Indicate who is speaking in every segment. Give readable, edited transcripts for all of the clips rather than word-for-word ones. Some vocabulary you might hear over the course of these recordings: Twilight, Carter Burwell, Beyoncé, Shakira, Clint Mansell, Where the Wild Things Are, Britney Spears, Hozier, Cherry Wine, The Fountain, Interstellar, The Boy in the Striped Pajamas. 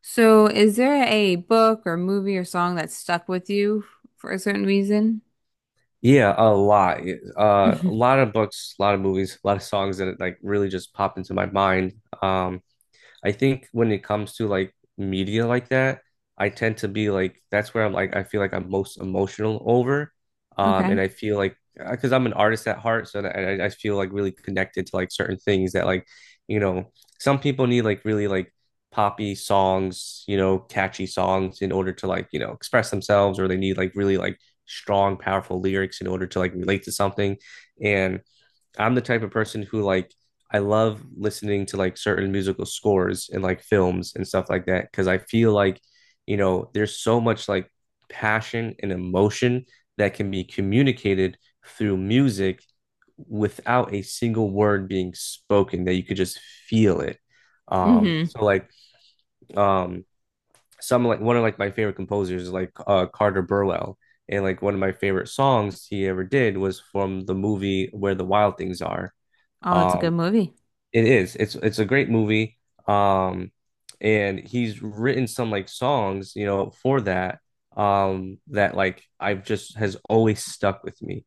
Speaker 1: So, is there a book or movie or song that stuck with you for a certain reason?
Speaker 2: Yeah, a lot. A
Speaker 1: Mhm.
Speaker 2: lot of books, a lot of movies, a lot of songs that like really just popped into my mind. Um, I think when it comes to like media like that, I tend to be like that's where I'm like I feel like I'm most emotional over. And
Speaker 1: Okay.
Speaker 2: I feel like because I'm an artist at heart, so that I feel like really connected to like certain things that like, you know, some people need like really like poppy songs, catchy songs in order to like, express themselves, or they need like really like strong, powerful lyrics in order to like relate to something. And I'm the type of person who like I love listening to like certain musical scores and like films and stuff like that because I feel like, there's so much like passion and emotion that can be communicated through music without a single word being spoken that you could just feel it. Um,
Speaker 1: hmm
Speaker 2: so like um some like one of like my favorite composers is like Carter Burwell. And like one of my favorite songs he ever did was from the movie Where the Wild Things Are
Speaker 1: Oh, that's a good
Speaker 2: um,
Speaker 1: movie.
Speaker 2: it is. It's a great movie. Um, and he's written some like songs, for that. That like I've just has always stuck with me.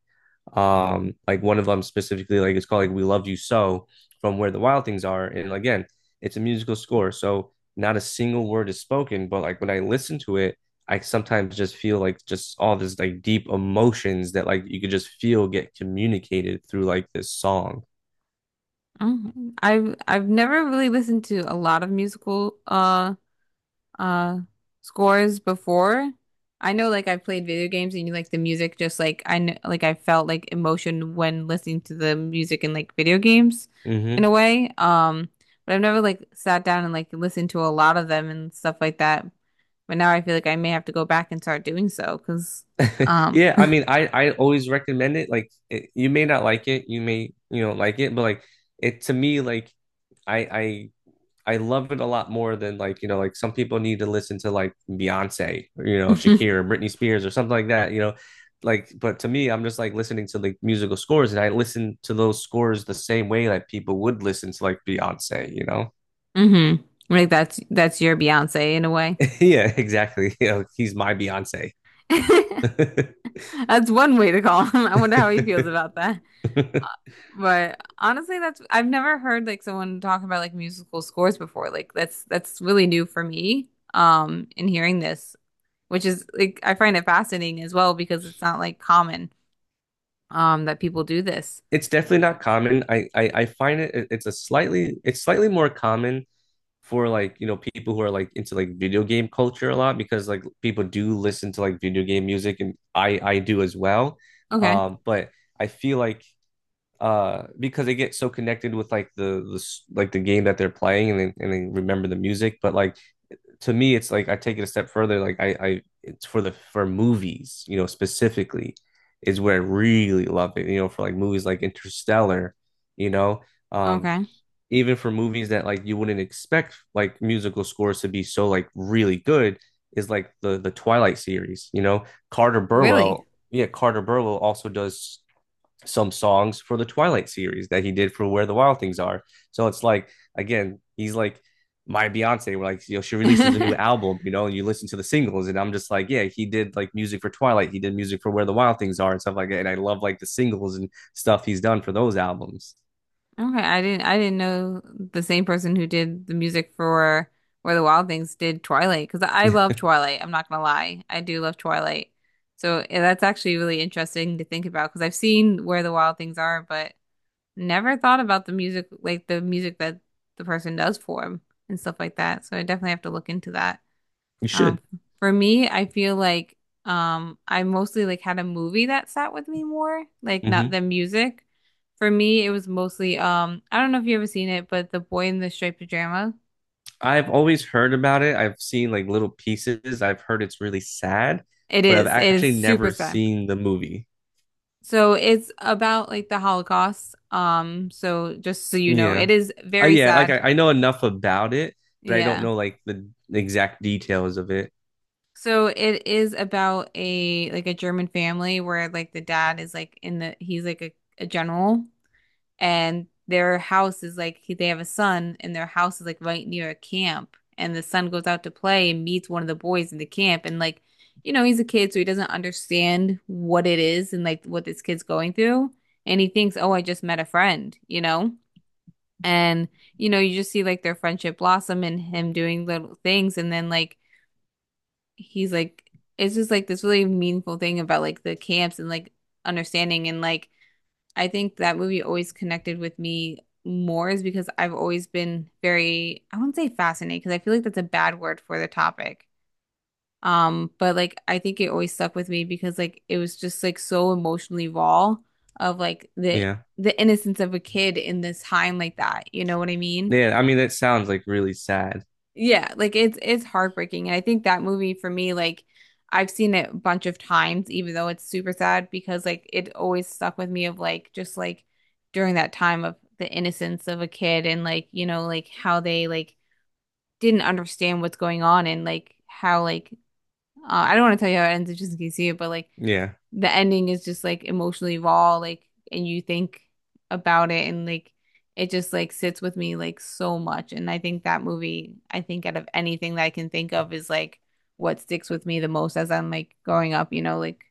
Speaker 2: Like one of them specifically, like it's called like "We Loved You So" from Where the Wild Things Are, and again, it's a musical score, so not a single word is spoken. But like when I listen to it, I sometimes just feel like just all this like deep emotions that like you could just feel get communicated through like this song.
Speaker 1: Oh, I've never really listened to a lot of musical uh scores before. I know, like, I've played video games and you like the music, just like I know like I felt like emotion when listening to the music in like video games in a
Speaker 2: Mm-hmm.
Speaker 1: way. But I've never like sat down and like listened to a lot of them and stuff like that. But now I feel like I may have to go back and start doing so because, um,
Speaker 2: Yeah, I mean, I always recommend it. Like, it, you may not like it, you may like it, but like it to me, like I I I love it a lot more than like like some people need to listen to like Beyonce, or, Shakira, Britney Spears, or something like that. Like but to me, I'm just like listening to like musical scores, and I listen to those scores the same way that people would listen to like Beyonce.
Speaker 1: hmm like that's your Beyonce in a way.
Speaker 2: Yeah, exactly. He's my Beyonce.
Speaker 1: That's one way to call him. I wonder how he feels about that. But honestly, that's I've never heard like someone talk about like musical scores before. Like that's really new for me. In hearing this, which is like I find it fascinating as well because it's not like common that people do this.
Speaker 2: It's definitely not common. I find it's slightly more common for like people who are like into like video game culture a lot because like people do listen to like video game music and I do as well.
Speaker 1: Okay.
Speaker 2: But I feel like because they get so connected with like like the game that they're playing and they remember the music, but like to me it's like I take it a step further like I it's for movies, specifically, is where I really love it, for like movies like Interstellar. you know um
Speaker 1: Okay.
Speaker 2: Even for movies that like you wouldn't expect like musical scores to be so like really good is like the Twilight series. Carter
Speaker 1: Really?
Speaker 2: Burwell, yeah, Carter Burwell also does some songs for the Twilight series that he did for Where the Wild Things Are. So it's like again, he's like my Beyonce, where like she releases a new album, and you listen to the singles, and I'm just like, yeah, he did like music for Twilight, he did music for Where the Wild Things Are and stuff like that, and I love like the singles and stuff he's done for those albums.
Speaker 1: Okay, I didn't know the same person who did the music for Where the Wild Things did Twilight, because I
Speaker 2: You
Speaker 1: love Twilight. I'm not gonna lie, I do love Twilight. So yeah, that's actually really interesting to think about because I've seen Where the Wild Things Are, but never thought about the music, like the music that the person does for him and stuff like that. So I definitely have to look into that. Um,
Speaker 2: should.
Speaker 1: for me, I feel like I mostly like had a movie that sat with me more, like not
Speaker 2: Mm-hmm.
Speaker 1: the music. For me, it was mostly I don't know if you ever seen it, but The Boy in the Striped Pajama.
Speaker 2: I've always heard about it. I've seen like little pieces. I've heard it's really sad,
Speaker 1: It
Speaker 2: but I've
Speaker 1: is. It is
Speaker 2: actually
Speaker 1: super
Speaker 2: never
Speaker 1: sad.
Speaker 2: seen the movie.
Speaker 1: So it's about like the Holocaust. So just so you know, it
Speaker 2: Yeah.
Speaker 1: is
Speaker 2: Uh,
Speaker 1: very
Speaker 2: yeah, like
Speaker 1: sad.
Speaker 2: I know enough about it, but I don't
Speaker 1: Yeah.
Speaker 2: know like the exact details of it.
Speaker 1: So it is about a like a German family where like the dad is like in the he's like a general, and their house is like they have a son and their house is like right near a camp, and the son goes out to play and meets one of the boys in the camp, and like you know he's a kid, so he doesn't understand what it is and like what this kid's going through, and he thinks, oh, I just met a friend, you know. And you know, you just see like their friendship blossom and him doing little things, and then like he's like it's just like this really meaningful thing about like the camps and like understanding and like I think that movie always connected with me more is because I've always been very, I wouldn't say fascinated because I feel like that's a bad word for the topic. But like I think it always stuck with me because like it was just like so emotionally raw of like the
Speaker 2: Yeah.
Speaker 1: the innocence of a kid in this time like that. You know what I mean?
Speaker 2: Yeah, I mean that sounds like really sad.
Speaker 1: Yeah, like it's heartbreaking. And I think that movie for me, like I've seen it a bunch of times, even though it's super sad, because like it always stuck with me of like just like during that time of the innocence of a kid, and like, you know, like how they like didn't understand what's going on and like how like I don't want to tell you how it ends just in case you see it, but like
Speaker 2: Yeah.
Speaker 1: the ending is just like emotionally raw, like, and you think about it and like it just like sits with me like so much. And I think that movie, I think out of anything that I can think of is like what sticks with me the most as I'm like growing up, you know, like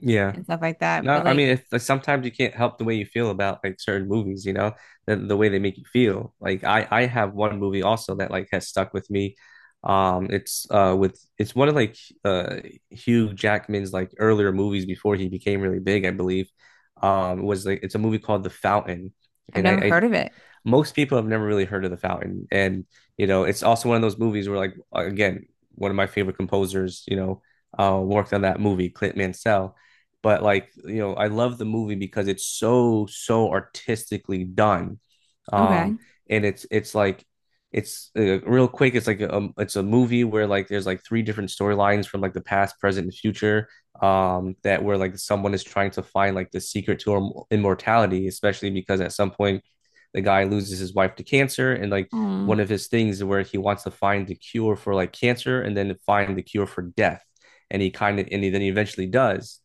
Speaker 2: Yeah.
Speaker 1: and stuff like that.
Speaker 2: No,
Speaker 1: But
Speaker 2: I mean
Speaker 1: like
Speaker 2: if like, sometimes you can't help the way you feel about like certain movies, the way they make you feel. Like I have one movie also that like has stuck with me. It's one of like uh Hugh Jackman's like earlier movies before he became really big, I believe. Was like it's a movie called The Fountain,
Speaker 1: I've
Speaker 2: and
Speaker 1: never heard of it.
Speaker 2: most people have never really heard of The Fountain. And it's also one of those movies where like again one of my favorite composers, worked on that movie, Clint Mansell. But like I love the movie because it's so so artistically done.
Speaker 1: Okay.
Speaker 2: Um and it's like it's Real quick it's like a, it's a movie where like there's like three different storylines from like the past, present and future, that where like someone is trying to find like the secret to immortality, especially because at some point the guy loses his wife to cancer, and like
Speaker 1: Oh.
Speaker 2: one of his things where he wants to find the cure for like cancer and then find the cure for death, and he kind of and he, then he eventually does.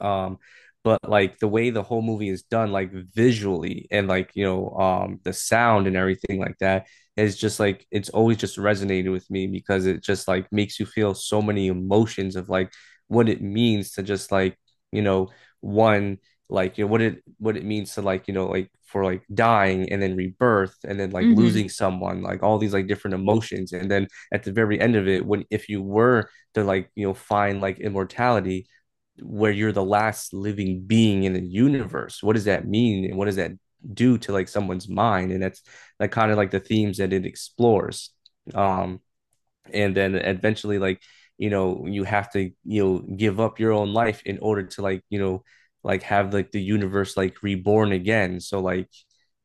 Speaker 2: Um, but like the way the whole movie is done, like visually and like the sound and everything like that, is just like it's always just resonated with me because it just like makes you feel so many emotions of like what it means to just like, you know one, like what it means to like, like for like dying and then rebirth and then like
Speaker 1: Mm-hmm.
Speaker 2: losing someone, like all these like different emotions, and then at the very end of it when if you were to like find like immortality where you're the last living being in the universe, what does that mean and what does that do to like someone's mind? And that's like kind of like the themes that it explores. Um and Then eventually like, you have to give up your own life in order to like, like have like the universe like reborn again. So like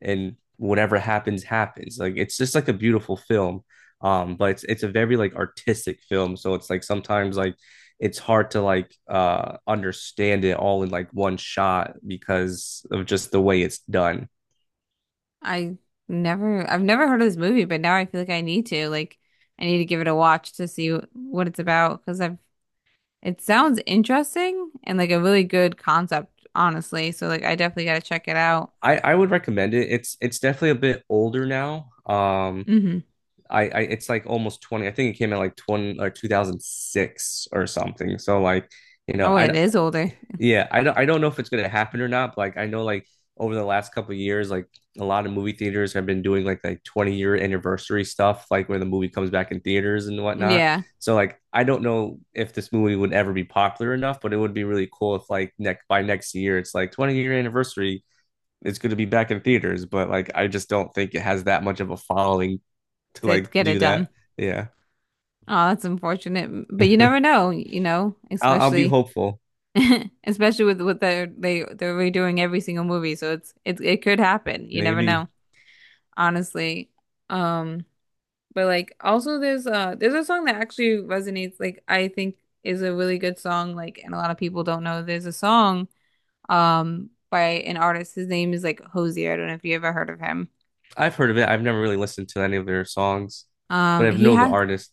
Speaker 2: and whatever happens happens, like it's just like a beautiful film. But It's a very like artistic film, so it's like sometimes like it's hard to like understand it all in like one shot because of just the way it's done.
Speaker 1: I I've never heard of this movie, but now I feel like I need to. Like I need to give it a watch to see what it's about because I've it sounds interesting and like a really good concept, honestly. So like I definitely gotta check it out.
Speaker 2: I would recommend it. It's definitely a bit older now. um
Speaker 1: hmm
Speaker 2: I, I it's like almost 20, I think it came out like 20 or 2006 or something. So like you know
Speaker 1: Oh, it
Speaker 2: I
Speaker 1: is older.
Speaker 2: yeah, I don't know if it's gonna happen or not. But like I know like over the last couple of years, like a lot of movie theaters have been doing like 20-year anniversary stuff, like when the movie comes back in theaters and whatnot.
Speaker 1: Yeah,
Speaker 2: So like I don't know if this movie would ever be popular enough, but it would be really cool if like next by next year it's like 20-year anniversary, it's gonna be back in theaters. But like I just don't think it has that much of a following to
Speaker 1: to
Speaker 2: like
Speaker 1: get it
Speaker 2: do
Speaker 1: done.
Speaker 2: that. Yeah.
Speaker 1: Oh, that's unfortunate. But you
Speaker 2: I'll,
Speaker 1: never know, you know,
Speaker 2: I'll be
Speaker 1: especially
Speaker 2: hopeful.
Speaker 1: especially with what they're they're redoing every single movie. So it's it it could happen. You never know,
Speaker 2: Maybe.
Speaker 1: honestly. Um, but like also there's a song that actually resonates, like I think is a really good song, like, and a lot of people don't know there's a song by an artist. His name is like Hosier. I don't know if you ever heard of him.
Speaker 2: I've heard of it. I've never really listened to any of their songs, but I
Speaker 1: He
Speaker 2: know the
Speaker 1: has
Speaker 2: artist.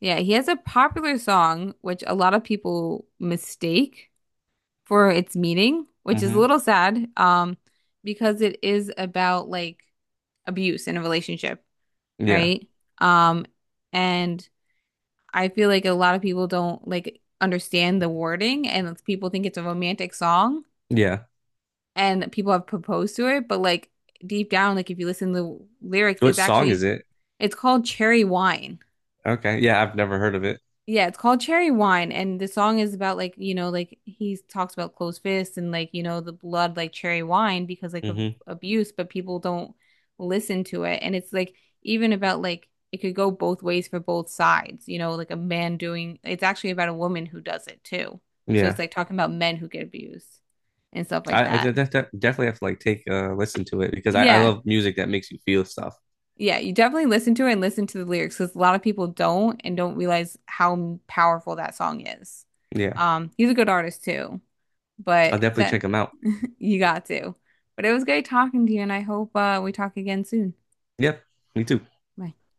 Speaker 1: Yeah, he has a popular song which a lot of people mistake for its meaning, which is a
Speaker 2: Hmm.
Speaker 1: little sad, because it is about like abuse in a relationship,
Speaker 2: Yeah.
Speaker 1: right? Um and I feel like a lot of people don't like understand the wording, and people think it's a romantic song,
Speaker 2: Yeah.
Speaker 1: and people have proposed to it, but like deep down, like if you listen to the lyrics,
Speaker 2: What
Speaker 1: it's
Speaker 2: song is
Speaker 1: actually
Speaker 2: it?
Speaker 1: it's called Cherry Wine.
Speaker 2: Okay. Yeah, I've never heard of it.
Speaker 1: Yeah, it's called Cherry Wine, and the song is about like you know like he talks about closed fists and like you know the blood like cherry wine because like of
Speaker 2: Hmm.
Speaker 1: abuse, but people don't listen to it, and it's like even about like it could go both ways for both sides, you know, like a man doing it's actually about a woman who does it too. So it's
Speaker 2: Yeah.
Speaker 1: like talking about men who get abused and stuff like
Speaker 2: I, I de
Speaker 1: that.
Speaker 2: de de- definitely have to like take a listen to it because I
Speaker 1: Yeah.
Speaker 2: love music that makes you feel stuff.
Speaker 1: Yeah, you definitely listen to it and listen to the lyrics because a lot of people don't and don't realize how powerful that song is.
Speaker 2: Yeah.
Speaker 1: He's a good artist too,
Speaker 2: I'll
Speaker 1: but
Speaker 2: definitely
Speaker 1: that
Speaker 2: check them out.
Speaker 1: you got to. But it was great talking to you, and I hope we talk again soon.
Speaker 2: Yep. Me too.
Speaker 1: Bye.